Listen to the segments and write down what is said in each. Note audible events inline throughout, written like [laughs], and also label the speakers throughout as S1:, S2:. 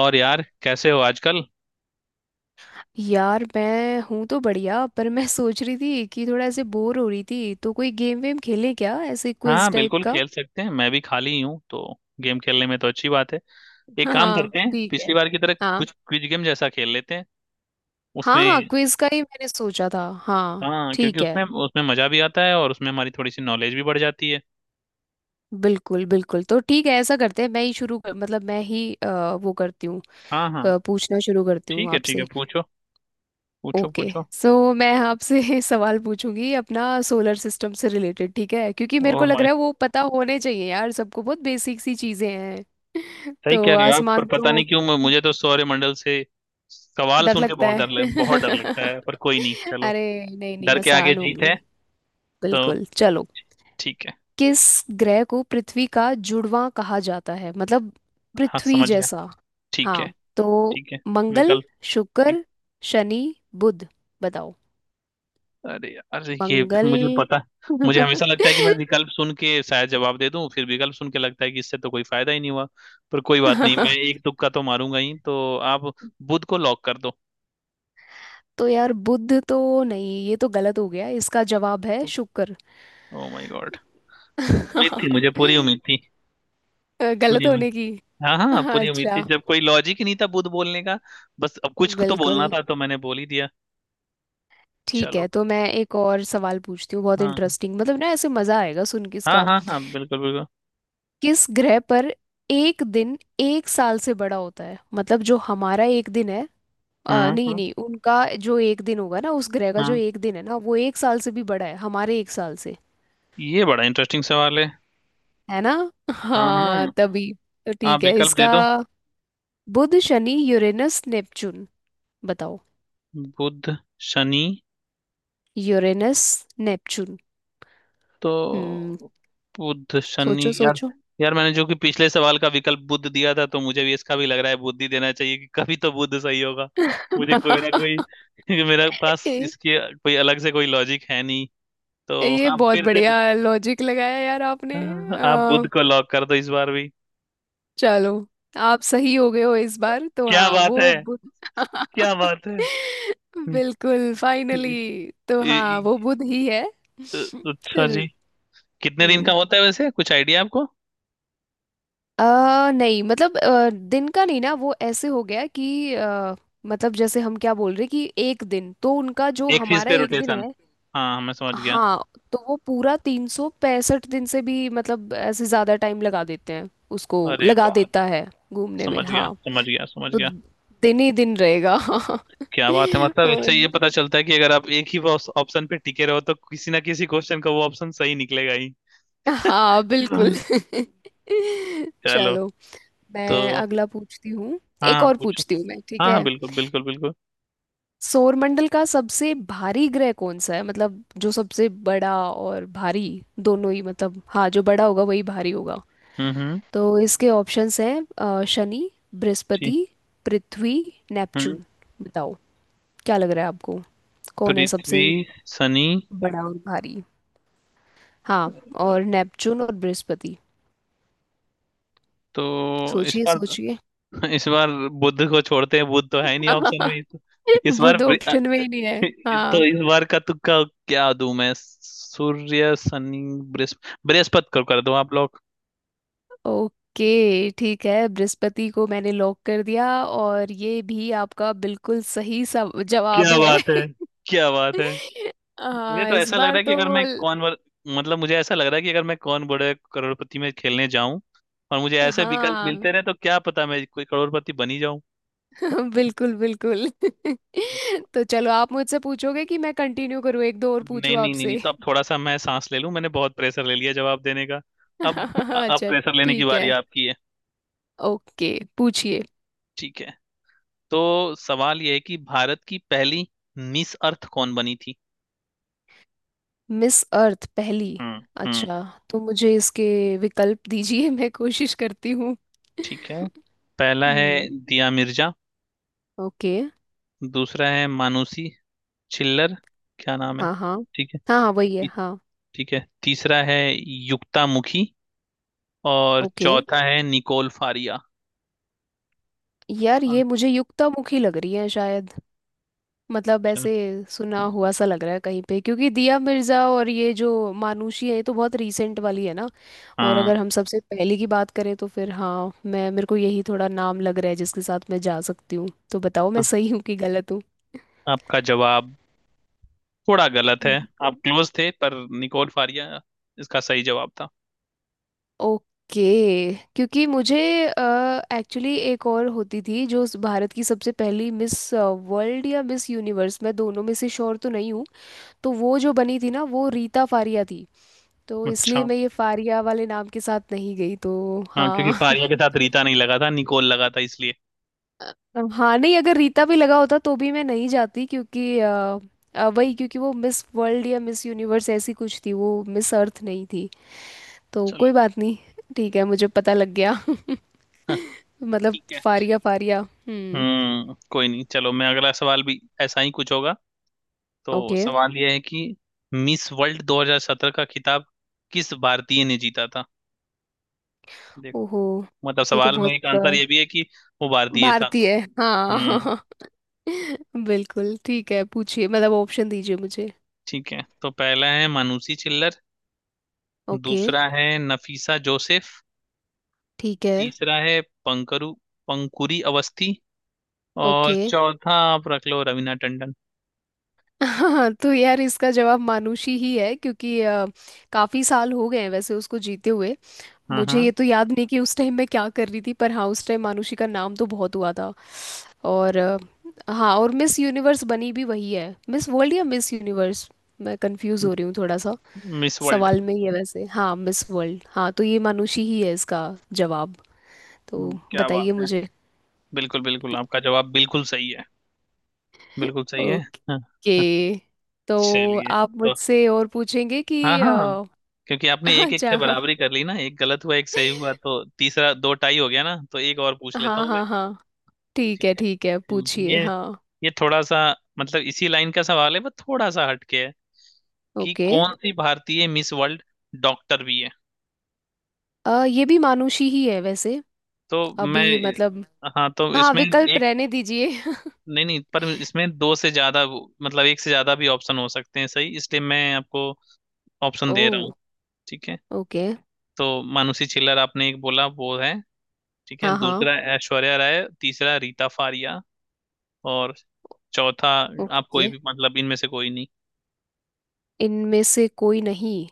S1: और यार कैसे हो आजकल।
S2: यार मैं हूं तो बढ़िया। पर मैं सोच रही थी कि थोड़ा ऐसे बोर हो रही थी, तो कोई गेम वेम खेलें क्या, ऐसे क्विज
S1: हाँ
S2: टाइप
S1: बिल्कुल
S2: का।
S1: खेल सकते हैं। मैं भी खाली ही हूँ तो गेम खेलने में तो अच्छी बात है। एक काम
S2: हाँ
S1: करते हैं,
S2: ठीक है।
S1: पिछली बार की तरह
S2: हाँ।
S1: कुछ क्विज गेम जैसा खेल लेते हैं
S2: हाँ हाँ
S1: उसमें।
S2: क्विज का ही मैंने सोचा था। हाँ
S1: हाँ क्योंकि
S2: ठीक है।
S1: उसमें उसमें मजा भी आता है और उसमें हमारी थोड़ी सी नॉलेज भी बढ़ जाती है।
S2: बिल्कुल बिल्कुल। तो ठीक है, ऐसा करते हैं। मैं ही शुरू कर, मतलब मैं ही वो करती हूँ।
S1: हाँ हाँ,
S2: पूछना शुरू करती हूँ
S1: ठीक है। ठीक है,
S2: आपसे।
S1: पूछो। पूछो
S2: ओके।
S1: पूछो।
S2: सो मैं आपसे [laughs] सवाल पूछूंगी, अपना सोलर सिस्टम से रिलेटेड ठीक है, क्योंकि मेरे
S1: ओ
S2: को लग
S1: माय,
S2: रहा है वो पता होने चाहिए यार सबको, बहुत बेसिक सी चीजें हैं। [laughs]
S1: सही
S2: तो
S1: कह रहे हो आप, पर
S2: आसमान
S1: पता
S2: तो।
S1: नहीं क्यों मुझे तो सौरमंडल से सवाल
S2: डर
S1: सुन के
S2: लगता है। [laughs]
S1: बहुत डर लगता है, पर कोई नहीं, चलो।
S2: अरे नहीं नहीं,
S1: डर के आगे
S2: आसान
S1: जीत
S2: होंगी।
S1: है। तो
S2: बिल्कुल चलो।
S1: ठीक है।
S2: किस ग्रह को पृथ्वी का जुड़वां कहा जाता है, मतलब
S1: हाँ
S2: पृथ्वी
S1: समझ गया।
S2: जैसा।
S1: ठीक है
S2: हाँ तो
S1: ठीक है।
S2: मंगल,
S1: विकल्प। ठीक।
S2: शुक्र, शनि, बुध। बताओ।
S1: अरे यार ये,
S2: मंगल।
S1: मुझे पता। मुझे हमेशा लगता
S2: [laughs]
S1: है कि मैं विकल्प सुन के शायद जवाब दे दूं, फिर विकल्प सुन के लगता है कि इससे तो कोई फायदा ही नहीं हुआ। पर कोई बात नहीं, मैं एक तुक्का तो मारूंगा ही। तो आप बुध को लॉक कर दो।
S2: तो यार बुध तो नहीं, ये तो गलत हो गया। इसका जवाब है शुक्र।
S1: ओ माय गॉड, उम्मीद थी, मुझे पूरी उम्मीद थी।
S2: [laughs] गलत
S1: पूरी उम्मीद।
S2: होने की।
S1: हाँ हाँ, पूरी उम्मीद थी,
S2: अच्छा।
S1: जब कोई लॉजिक ही नहीं था बुध बोलने का। बस अब कुछ तो
S2: बिल्कुल।
S1: बोलना था तो मैंने बोल ही दिया।
S2: ठीक
S1: चलो।
S2: है, तो मैं एक और सवाल पूछती हूँ, बहुत
S1: हाँ
S2: इंटरेस्टिंग, मतलब ना ऐसे मजा आएगा सुन के
S1: हाँ
S2: इसका।
S1: हाँ हाँ, बिल्कुल बिल्कुल।
S2: किस ग्रह पर एक दिन एक साल से बड़ा होता है, मतलब जो हमारा एक दिन है।
S1: हम्म
S2: नहीं
S1: हम्म
S2: नहीं, उनका जो एक दिन होगा ना, उस ग्रह का जो
S1: हम्म।
S2: एक दिन है ना, वो एक साल से भी बड़ा है हमारे एक साल से।
S1: ये बड़ा इंटरेस्टिंग सवाल है।
S2: है ना।
S1: हाँ
S2: हाँ
S1: हाँ,
S2: तभी। तो
S1: आप
S2: ठीक है
S1: विकल्प
S2: इसका।
S1: दे दो।
S2: बुध, शनि, यूरेनस, नेपच्यून। बताओ।
S1: बुध शनि,
S2: यूरेनस, नेपच्यून।
S1: तो
S2: हम्म।
S1: बुध शनि
S2: सोचो
S1: यार।
S2: सोचो।
S1: यार मैंने जो कि पिछले सवाल का विकल्प बुध दिया था, तो मुझे भी इसका भी लग रहा है बुध ही देना चाहिए कि कभी तो बुध सही होगा।
S2: [laughs]
S1: मुझे कोई ना कोई [laughs] मेरे पास
S2: ये
S1: इसकी कोई अलग से कोई लॉजिक है नहीं। तो
S2: ये
S1: आप
S2: बहुत
S1: फिर से
S2: बढ़िया लॉजिक लगाया यार आपने।
S1: [laughs] आप बुध को लॉक कर दो इस बार भी।
S2: चलो। आप सही हो गए हो इस बार तो।
S1: क्या
S2: हाँ
S1: बात है।
S2: वो बुध।
S1: क्या
S2: [laughs]
S1: बात है [laughs] हम्म,
S2: बिल्कुल फाइनली।
S1: इ-
S2: तो
S1: इ-
S2: हाँ वो
S1: इ-
S2: बुध ही है।
S1: अच्छा
S2: [laughs]
S1: जी, कितने दिन का
S2: हम्म।
S1: होता है वैसे, कुछ आइडिया आपको?
S2: नहीं मतलब दिन का नहीं ना, वो ऐसे हो गया कि मतलब जैसे हम क्या बोल रहे कि एक दिन तो उनका जो
S1: एक चीज
S2: हमारा
S1: पे
S2: एक दिन
S1: रोटेशन,
S2: है।
S1: हाँ मैं समझ गया।
S2: हाँ तो वो पूरा 365 दिन से भी, मतलब ऐसे ज़्यादा टाइम लगा देते हैं, उसको
S1: अरे
S2: लगा
S1: वाह,
S2: देता है घूमने में
S1: समझ गया
S2: हाँ।
S1: समझ गया समझ
S2: तो
S1: गया।
S2: दिन ही दिन रहेगा हाँ।
S1: क्या बात है,
S2: [laughs]
S1: मतलब इससे ये
S2: और-
S1: पता चलता है कि अगर आप एक ही ऑप्शन पे टिके रहो तो किसी ना किसी क्वेश्चन का वो ऑप्शन सही निकलेगा ही।
S2: हाँ बिल्कुल।
S1: हाँ।
S2: [laughs]
S1: चलो।
S2: चलो।
S1: तो
S2: मैं अगला पूछती हूँ।
S1: हाँ
S2: एक
S1: हाँ,
S2: और
S1: पूछो।
S2: पूछती हूँ मैं, ठीक
S1: हाँ हाँ,
S2: है।
S1: बिल्कुल बिल्कुल बिल्कुल।
S2: सौरमंडल का सबसे भारी ग्रह कौन सा है, मतलब जो सबसे बड़ा और भारी दोनों ही, मतलब हाँ जो बड़ा होगा वही भारी होगा।
S1: हम्म।
S2: तो इसके ऑप्शंस हैं शनि,
S1: ठीक।
S2: बृहस्पति, पृथ्वी,
S1: हम्म।
S2: नेपच्यून। बताओ। क्या लग रहा है आपको, कौन है
S1: पृथ्वी
S2: सबसे
S1: शनि।
S2: बड़ा और भारी, हाँ, और नेपच्यून और बृहस्पति।
S1: तो इस
S2: सोचिए
S1: बार,
S2: सोचिए।
S1: इस बार बुध को छोड़ते हैं, बुध तो है ही नहीं ऑप्शन में इस,
S2: [laughs]
S1: इस बार
S2: बुध
S1: बृ-
S2: ऑप्शन में ही नहीं है।
S1: तो
S2: हाँ।
S1: इस बार का तुक्का क्या दूं मैं? सूर्य शनि, बृहस्पति को कर दो आप लोग।
S2: ओके ठीक है, बृहस्पति को मैंने लॉक कर दिया और ये भी आपका बिल्कुल सही सब जवाब
S1: क्या
S2: है।
S1: बात
S2: [laughs]
S1: है, क्या बात है। मुझे
S2: आ,
S1: तो
S2: इस
S1: ऐसा लग रहा
S2: बार
S1: है कि अगर
S2: तो
S1: मैं
S2: ल-
S1: कौन वर... मतलब मुझे ऐसा लग रहा है कि अगर मैं कौन बड़े करोड़पति में खेलने जाऊं और मुझे ऐसे विकल्प
S2: हाँ।
S1: मिलते रहे तो क्या पता मैं कोई करोड़पति बन ही जाऊं।
S2: [laughs] बिल्कुल बिल्कुल। [laughs] तो चलो, आप मुझसे पूछोगे कि मैं कंटिन्यू करूँ, एक दो और
S1: नहीं
S2: पूछूं
S1: नहीं नहीं नहीं
S2: आपसे।
S1: तो अब थोड़ा सा मैं सांस ले लूं, मैंने बहुत प्रेशर ले लिया जवाब देने का। अब
S2: [laughs]
S1: अब
S2: अच्छा।
S1: प्रेशर लेने की
S2: ठीक है
S1: बारी आपकी है।
S2: ओके पूछिए।
S1: ठीक है, तो सवाल ये है कि भारत की पहली मिस अर्थ कौन बनी थी।
S2: मिस अर्थ पहली।
S1: हम्म हम्म।
S2: अच्छा। तो मुझे इसके विकल्प दीजिए, मैं कोशिश करती हूँ। [laughs]
S1: ठीक है, पहला है
S2: हम्म।
S1: दिया मिर्जा,
S2: ओके।
S1: दूसरा है मानुषी चिल्लर, क्या नाम है।
S2: हाँ हाँ
S1: ठीक है,
S2: हाँ हाँ वही है
S1: ती-
S2: हाँ।
S1: ठीक है, तीसरा है युक्ता मुखी, और
S2: ओके।
S1: चौथा है निकोल फारिया।
S2: यार
S1: अच्छा
S2: ये मुझे युक्तामुखी लग रही है शायद, मतलब ऐसे सुना हुआ सा लग रहा है कहीं पे, क्योंकि दिया मिर्जा और ये जो मानुषी है, ये तो बहुत रीसेंट वाली है ना। और
S1: हाँ,
S2: अगर हम सबसे पहले की बात करें तो फिर हाँ, मैं मेरे को यही थोड़ा नाम लग रहा है जिसके साथ मैं जा सकती हूँ। तो बताओ मैं
S1: तो
S2: सही हूँ कि गलत हूँ।
S1: आपका जवाब थोड़ा गलत है।
S2: बिल्कुल।
S1: आप क्लोज थे, पर निकोल फारिया इसका सही जवाब था।
S2: ओके, क्योंकि मुझे एक्चुअली एक और होती थी, जो उस भारत की सबसे पहली मिस वर्ल्ड या मिस यूनिवर्स, मैं दोनों में से श्योर तो नहीं हूँ। तो वो जो बनी थी ना, वो रीता फारिया थी। तो इसलिए
S1: अच्छा
S2: मैं ये फारिया वाले नाम के साथ नहीं गई, तो
S1: हाँ, क्योंकि
S2: हाँ।
S1: फारिया के
S2: [laughs]
S1: साथ रीता नहीं लगा था, निकोल लगा था, इसलिए।
S2: हाँ नहीं, अगर रीता भी लगा होता तो भी मैं नहीं जाती, क्योंकि वही, क्योंकि वो मिस वर्ल्ड या मिस यूनिवर्स ऐसी कुछ थी, वो मिस अर्थ नहीं थी। तो
S1: चलो।
S2: कोई बात नहीं। ठीक है, मुझे पता लग गया। [laughs]
S1: हाँ,
S2: मतलब
S1: ठीक है।
S2: फारिया फारिया हम्म।
S1: हम्म, कोई नहीं, चलो मैं अगला सवाल भी ऐसा ही कुछ होगा। तो
S2: ओके।
S1: सवाल यह है कि मिस वर्ल्ड 2017 का खिताब किस भारतीय ने जीता था। देखो,
S2: ओहो।
S1: मतलब
S2: ये तो
S1: सवाल में एक
S2: बहुत
S1: आंसर ये भी है कि वो भारतीय था।
S2: भारतीय है
S1: हम्म।
S2: हाँ। [laughs] बिल्कुल ठीक है, पूछिए, मतलब ऑप्शन दीजिए मुझे।
S1: ठीक है, तो पहला है मानुषी चिल्लर,
S2: ओके।
S1: दूसरा है नफीसा जोसेफ,
S2: ठीक है।
S1: तीसरा है पंकरू पंकुरी अवस्थी, और
S2: ओके।
S1: चौथा आप रख लो रवीना टंडन।
S2: [laughs] हाँ तो यार इसका जवाब मानुषी ही है, क्योंकि काफी साल हो गए हैं वैसे उसको जीते हुए।
S1: हाँ
S2: मुझे
S1: हाँ
S2: ये तो याद नहीं कि उस टाइम मैं क्या कर रही थी, पर हाँ उस टाइम मानुषी का नाम तो बहुत हुआ था। और हाँ, और मिस यूनिवर्स बनी भी वही है, मिस वर्ल्ड या मिस यूनिवर्स, मैं कंफ्यूज हो रही हूँ थोड़ा सा।
S1: Miss world.
S2: सवाल में ही है वैसे, हाँ मिस वर्ल्ड, हाँ तो ये मानुषी ही है इसका जवाब। तो
S1: क्या
S2: बताइए
S1: बात है,
S2: मुझे।
S1: बिल्कुल बिल्कुल, आपका जवाब बिल्कुल सही है, बिल्कुल सही है। हाँ, हाँ,
S2: ओके। तो
S1: चलिए।
S2: आप
S1: तो
S2: मुझसे और पूछेंगे
S1: हाँ
S2: कि
S1: हाँ, क्योंकि आपने
S2: [laughs]
S1: एक एक
S2: अच्छा
S1: से
S2: हाँ
S1: बराबरी कर ली ना, एक गलत हुआ एक सही हुआ, तो तीसरा दो टाई हो गया ना, तो एक और पूछ लेता
S2: हाँ
S1: हूँ।
S2: हाँ हाँ ठीक
S1: ठीक
S2: है
S1: है।
S2: ठीक है,
S1: हम्म,
S2: पूछिए
S1: ये
S2: हाँ।
S1: ये थोड़ा सा, मतलब इसी लाइन का सवाल है बट थोड़ा सा हटके है, कि
S2: ओके।
S1: कौन सी भारतीय मिस वर्ल्ड डॉक्टर भी है।
S2: ये भी मानुषी ही है वैसे,
S1: तो मैं,
S2: अभी मतलब।
S1: हाँ तो
S2: हाँ
S1: इसमें
S2: विकल्प
S1: एक,
S2: रहने दीजिए। [laughs]
S1: नहीं नहीं, पर इसमें दो से ज्यादा वो- मतलब एक से ज्यादा भी ऑप्शन हो सकते हैं सही, इसलिए मैं आपको ऑप्शन
S2: ओ
S1: दे रहा हूँ। ठीक है,
S2: ओके।
S1: तो मानुषी छिल्लर आपने एक बोला वो है, ठीक है,
S2: हाँ हाँ।
S1: दूसरा ऐश्वर्या राय, तीसरा रीता फारिया, और चौथा आप कोई
S2: ओके।
S1: भी, मतलब इनमें से कोई नहीं।
S2: इनमें से कोई नहीं।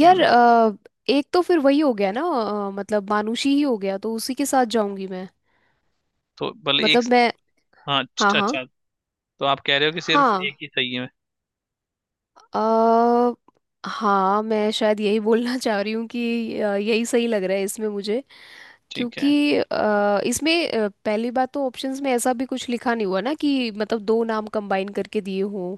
S2: यार
S1: हम्म,
S2: एक तो फिर वही हो गया ना, मतलब मानुषी ही हो गया, तो उसी के साथ जाऊंगी मैं,
S1: तो भले एक,
S2: मतलब मैं।
S1: हाँ
S2: हाँ हाँ
S1: अच्छा। तो आप कह रहे हो कि सिर्फ
S2: हाँ।
S1: एक ही सही है?
S2: अ, हाँ मैं शायद यही बोलना [laughs] चाह रही हूँ कि यही सही लग रहा है इसमें मुझे।
S1: ठीक
S2: क्योंकि
S1: है।
S2: इसमें पहली बात तो ऑप्शंस में ऐसा भी कुछ लिखा नहीं हुआ ना कि मतलब दो नाम कंबाइन करके दिए हों।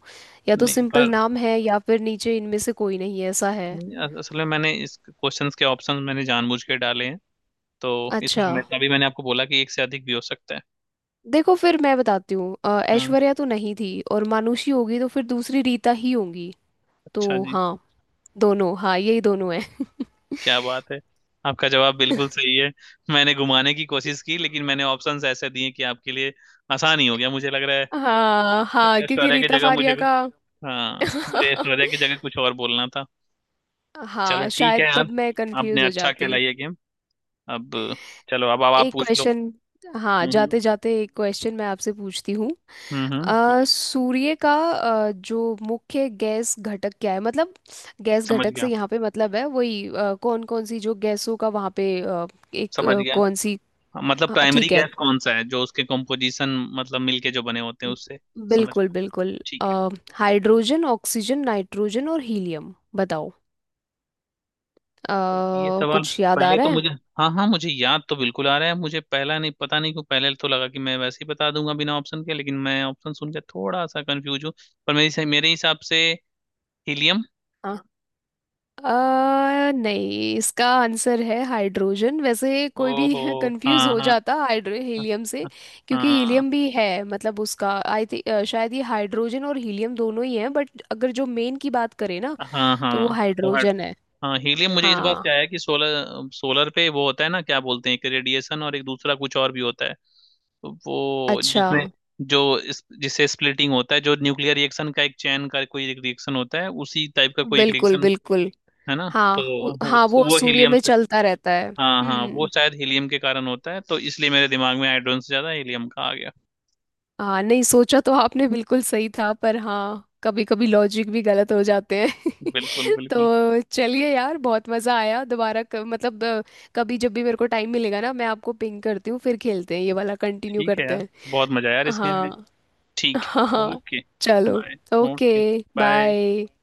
S2: या तो
S1: नहीं
S2: सिंपल
S1: पर
S2: नाम है या फिर नीचे इनमें से कोई नहीं है ऐसा है।
S1: नहीं, अस- असल में मैंने इस क्वेश्चंस के ऑप्शन मैंने जानबूझ के डाले हैं। तो इसमें
S2: अच्छा
S1: मैं तभी मैंने आपको बोला कि एक से अधिक भी हो सकता है।
S2: देखो, फिर मैं बताती हूँ।
S1: हाँ
S2: ऐश्वर्या तो नहीं थी और मानुषी होगी, तो फिर दूसरी रीता ही होगी।
S1: अच्छा
S2: तो
S1: जी।
S2: हाँ दोनों, हाँ यही दोनों है। [laughs]
S1: क्या बात है, आपका जवाब बिल्कुल सही है। मैंने घुमाने की कोशिश की, लेकिन मैंने ऑप्शंस ऐसे दिए कि आपके लिए आसान ही हो गया मुझे लग रहा है।
S2: हाँ हाँ, क्योंकि
S1: ऐश्वर्या की
S2: रीता
S1: जगह मुझे
S2: फारिया
S1: कुछ,
S2: का।
S1: हाँ मुझे ऐश्वर्या की जगह कुछ और बोलना था। चलो
S2: हाँ
S1: ठीक है
S2: शायद
S1: यार,
S2: तब मैं
S1: आपने
S2: कंफ्यूज हो
S1: अच्छा
S2: जाती।
S1: खेला ये गेम। अब, चलो अब आप
S2: एक
S1: पूछ लो।
S2: क्वेश्चन, हाँ
S1: हम्म
S2: जाते जाते एक क्वेश्चन मैं आपसे पूछती हूँ।
S1: हम्म हम्म हम्म।
S2: सूर्य का जो मुख्य गैस घटक क्या है, मतलब गैस
S1: समझ
S2: घटक से
S1: गया
S2: यहाँ पे मतलब है वही, कौन कौन सी जो गैसों का वहाँ पे एक
S1: समझ गया,
S2: कौन सी,
S1: मतलब
S2: हाँ
S1: प्राइमरी
S2: ठीक है।
S1: गैस कौन सा है जो उसके कंपोजिशन, मतलब मिलके जो बने होते हैं
S2: ब-
S1: उससे। समझ
S2: बिल्कुल
S1: गया।
S2: बिल्कुल।
S1: ठीक
S2: अ,
S1: है ठीक
S2: हाइड्रोजन, ऑक्सीजन, नाइट्रोजन और हीलियम। बताओ। अ,
S1: है। ये सवाल,
S2: कुछ याद आ
S1: पहले तो
S2: रहा
S1: मुझे, हाँ हाँ मुझे याद तो बिल्कुल आ रहा है, मुझे पहला, नहीं पता नहीं क्यों पहले तो लगा कि मैं वैसे ही बता दूंगा बिना ऑप्शन के, लेकिन मैं ऑप्शन सुन के थोड़ा सा कंफ्यूज हूँ। पर मेरे हिसाब से हीलियम।
S2: है। नहीं, इसका आंसर है हाइड्रोजन। वैसे कोई भी
S1: ओहो,
S2: [laughs] कंफ्यूज
S1: हाँ
S2: हो
S1: हाँ
S2: जाता हाइड्रो हीलियम से। क्योंकि
S1: हाँ
S2: हीलियम भी है, मतलब उसका। आई थिंक शायद ये हाइड्रोजन और हीलियम दोनों ही हैं, बट अगर जो मेन की बात करें ना,
S1: हाँ, हाँ
S2: तो वो
S1: हाँ। हाँ,
S2: हाइड्रोजन है।
S1: हाँ हीलियम मुझे इस बात से
S2: हाँ
S1: आया कि सोलर सोलर पे वो होता है ना, क्या बोलते हैं, एक रेडिएशन और एक दूसरा कुछ और भी होता है। तो वो
S2: अच्छा,
S1: जिसमें, जिससे स्प्लिटिंग होता है, जो न्यूक्लियर रिएक्शन का एक चैन का कोई एक रिएक्शन होता है, उसी टाइप का कोई एक
S2: बिल्कुल
S1: रिएक्शन
S2: बिल्कुल।
S1: है ना,
S2: हाँ
S1: तो
S2: हाँ वो
S1: वो
S2: सूर्य
S1: हीलियम
S2: में
S1: से।
S2: चलता रहता है
S1: हाँ हाँ वो
S2: हम्म।
S1: शायद हीलियम के कारण होता है, तो इसलिए मेरे दिमाग में हाइड्रोजन से ज्यादा हीलियम का आ गया।
S2: हाँ, नहीं सोचा तो आपने बिल्कुल सही था, पर हाँ कभी कभी लॉजिक भी गलत हो जाते हैं।
S1: बिल्कुल
S2: [laughs]
S1: बिल्कुल।
S2: तो चलिए यार, बहुत मज़ा आया दोबारा, मतलब कभी जब भी मेरे को टाइम मिलेगा ना, मैं आपको पिंग करती हूँ, फिर खेलते हैं, ये वाला कंटिन्यू
S1: ठीक है
S2: करते
S1: यार,
S2: हैं।
S1: बहुत मजा आया यार इस गेम में।
S2: हाँ
S1: ठीक
S2: हाँ
S1: है,
S2: हाँ
S1: ओके।
S2: चलो
S1: bye.
S2: Okay
S1: okay. Bye.
S2: Bye.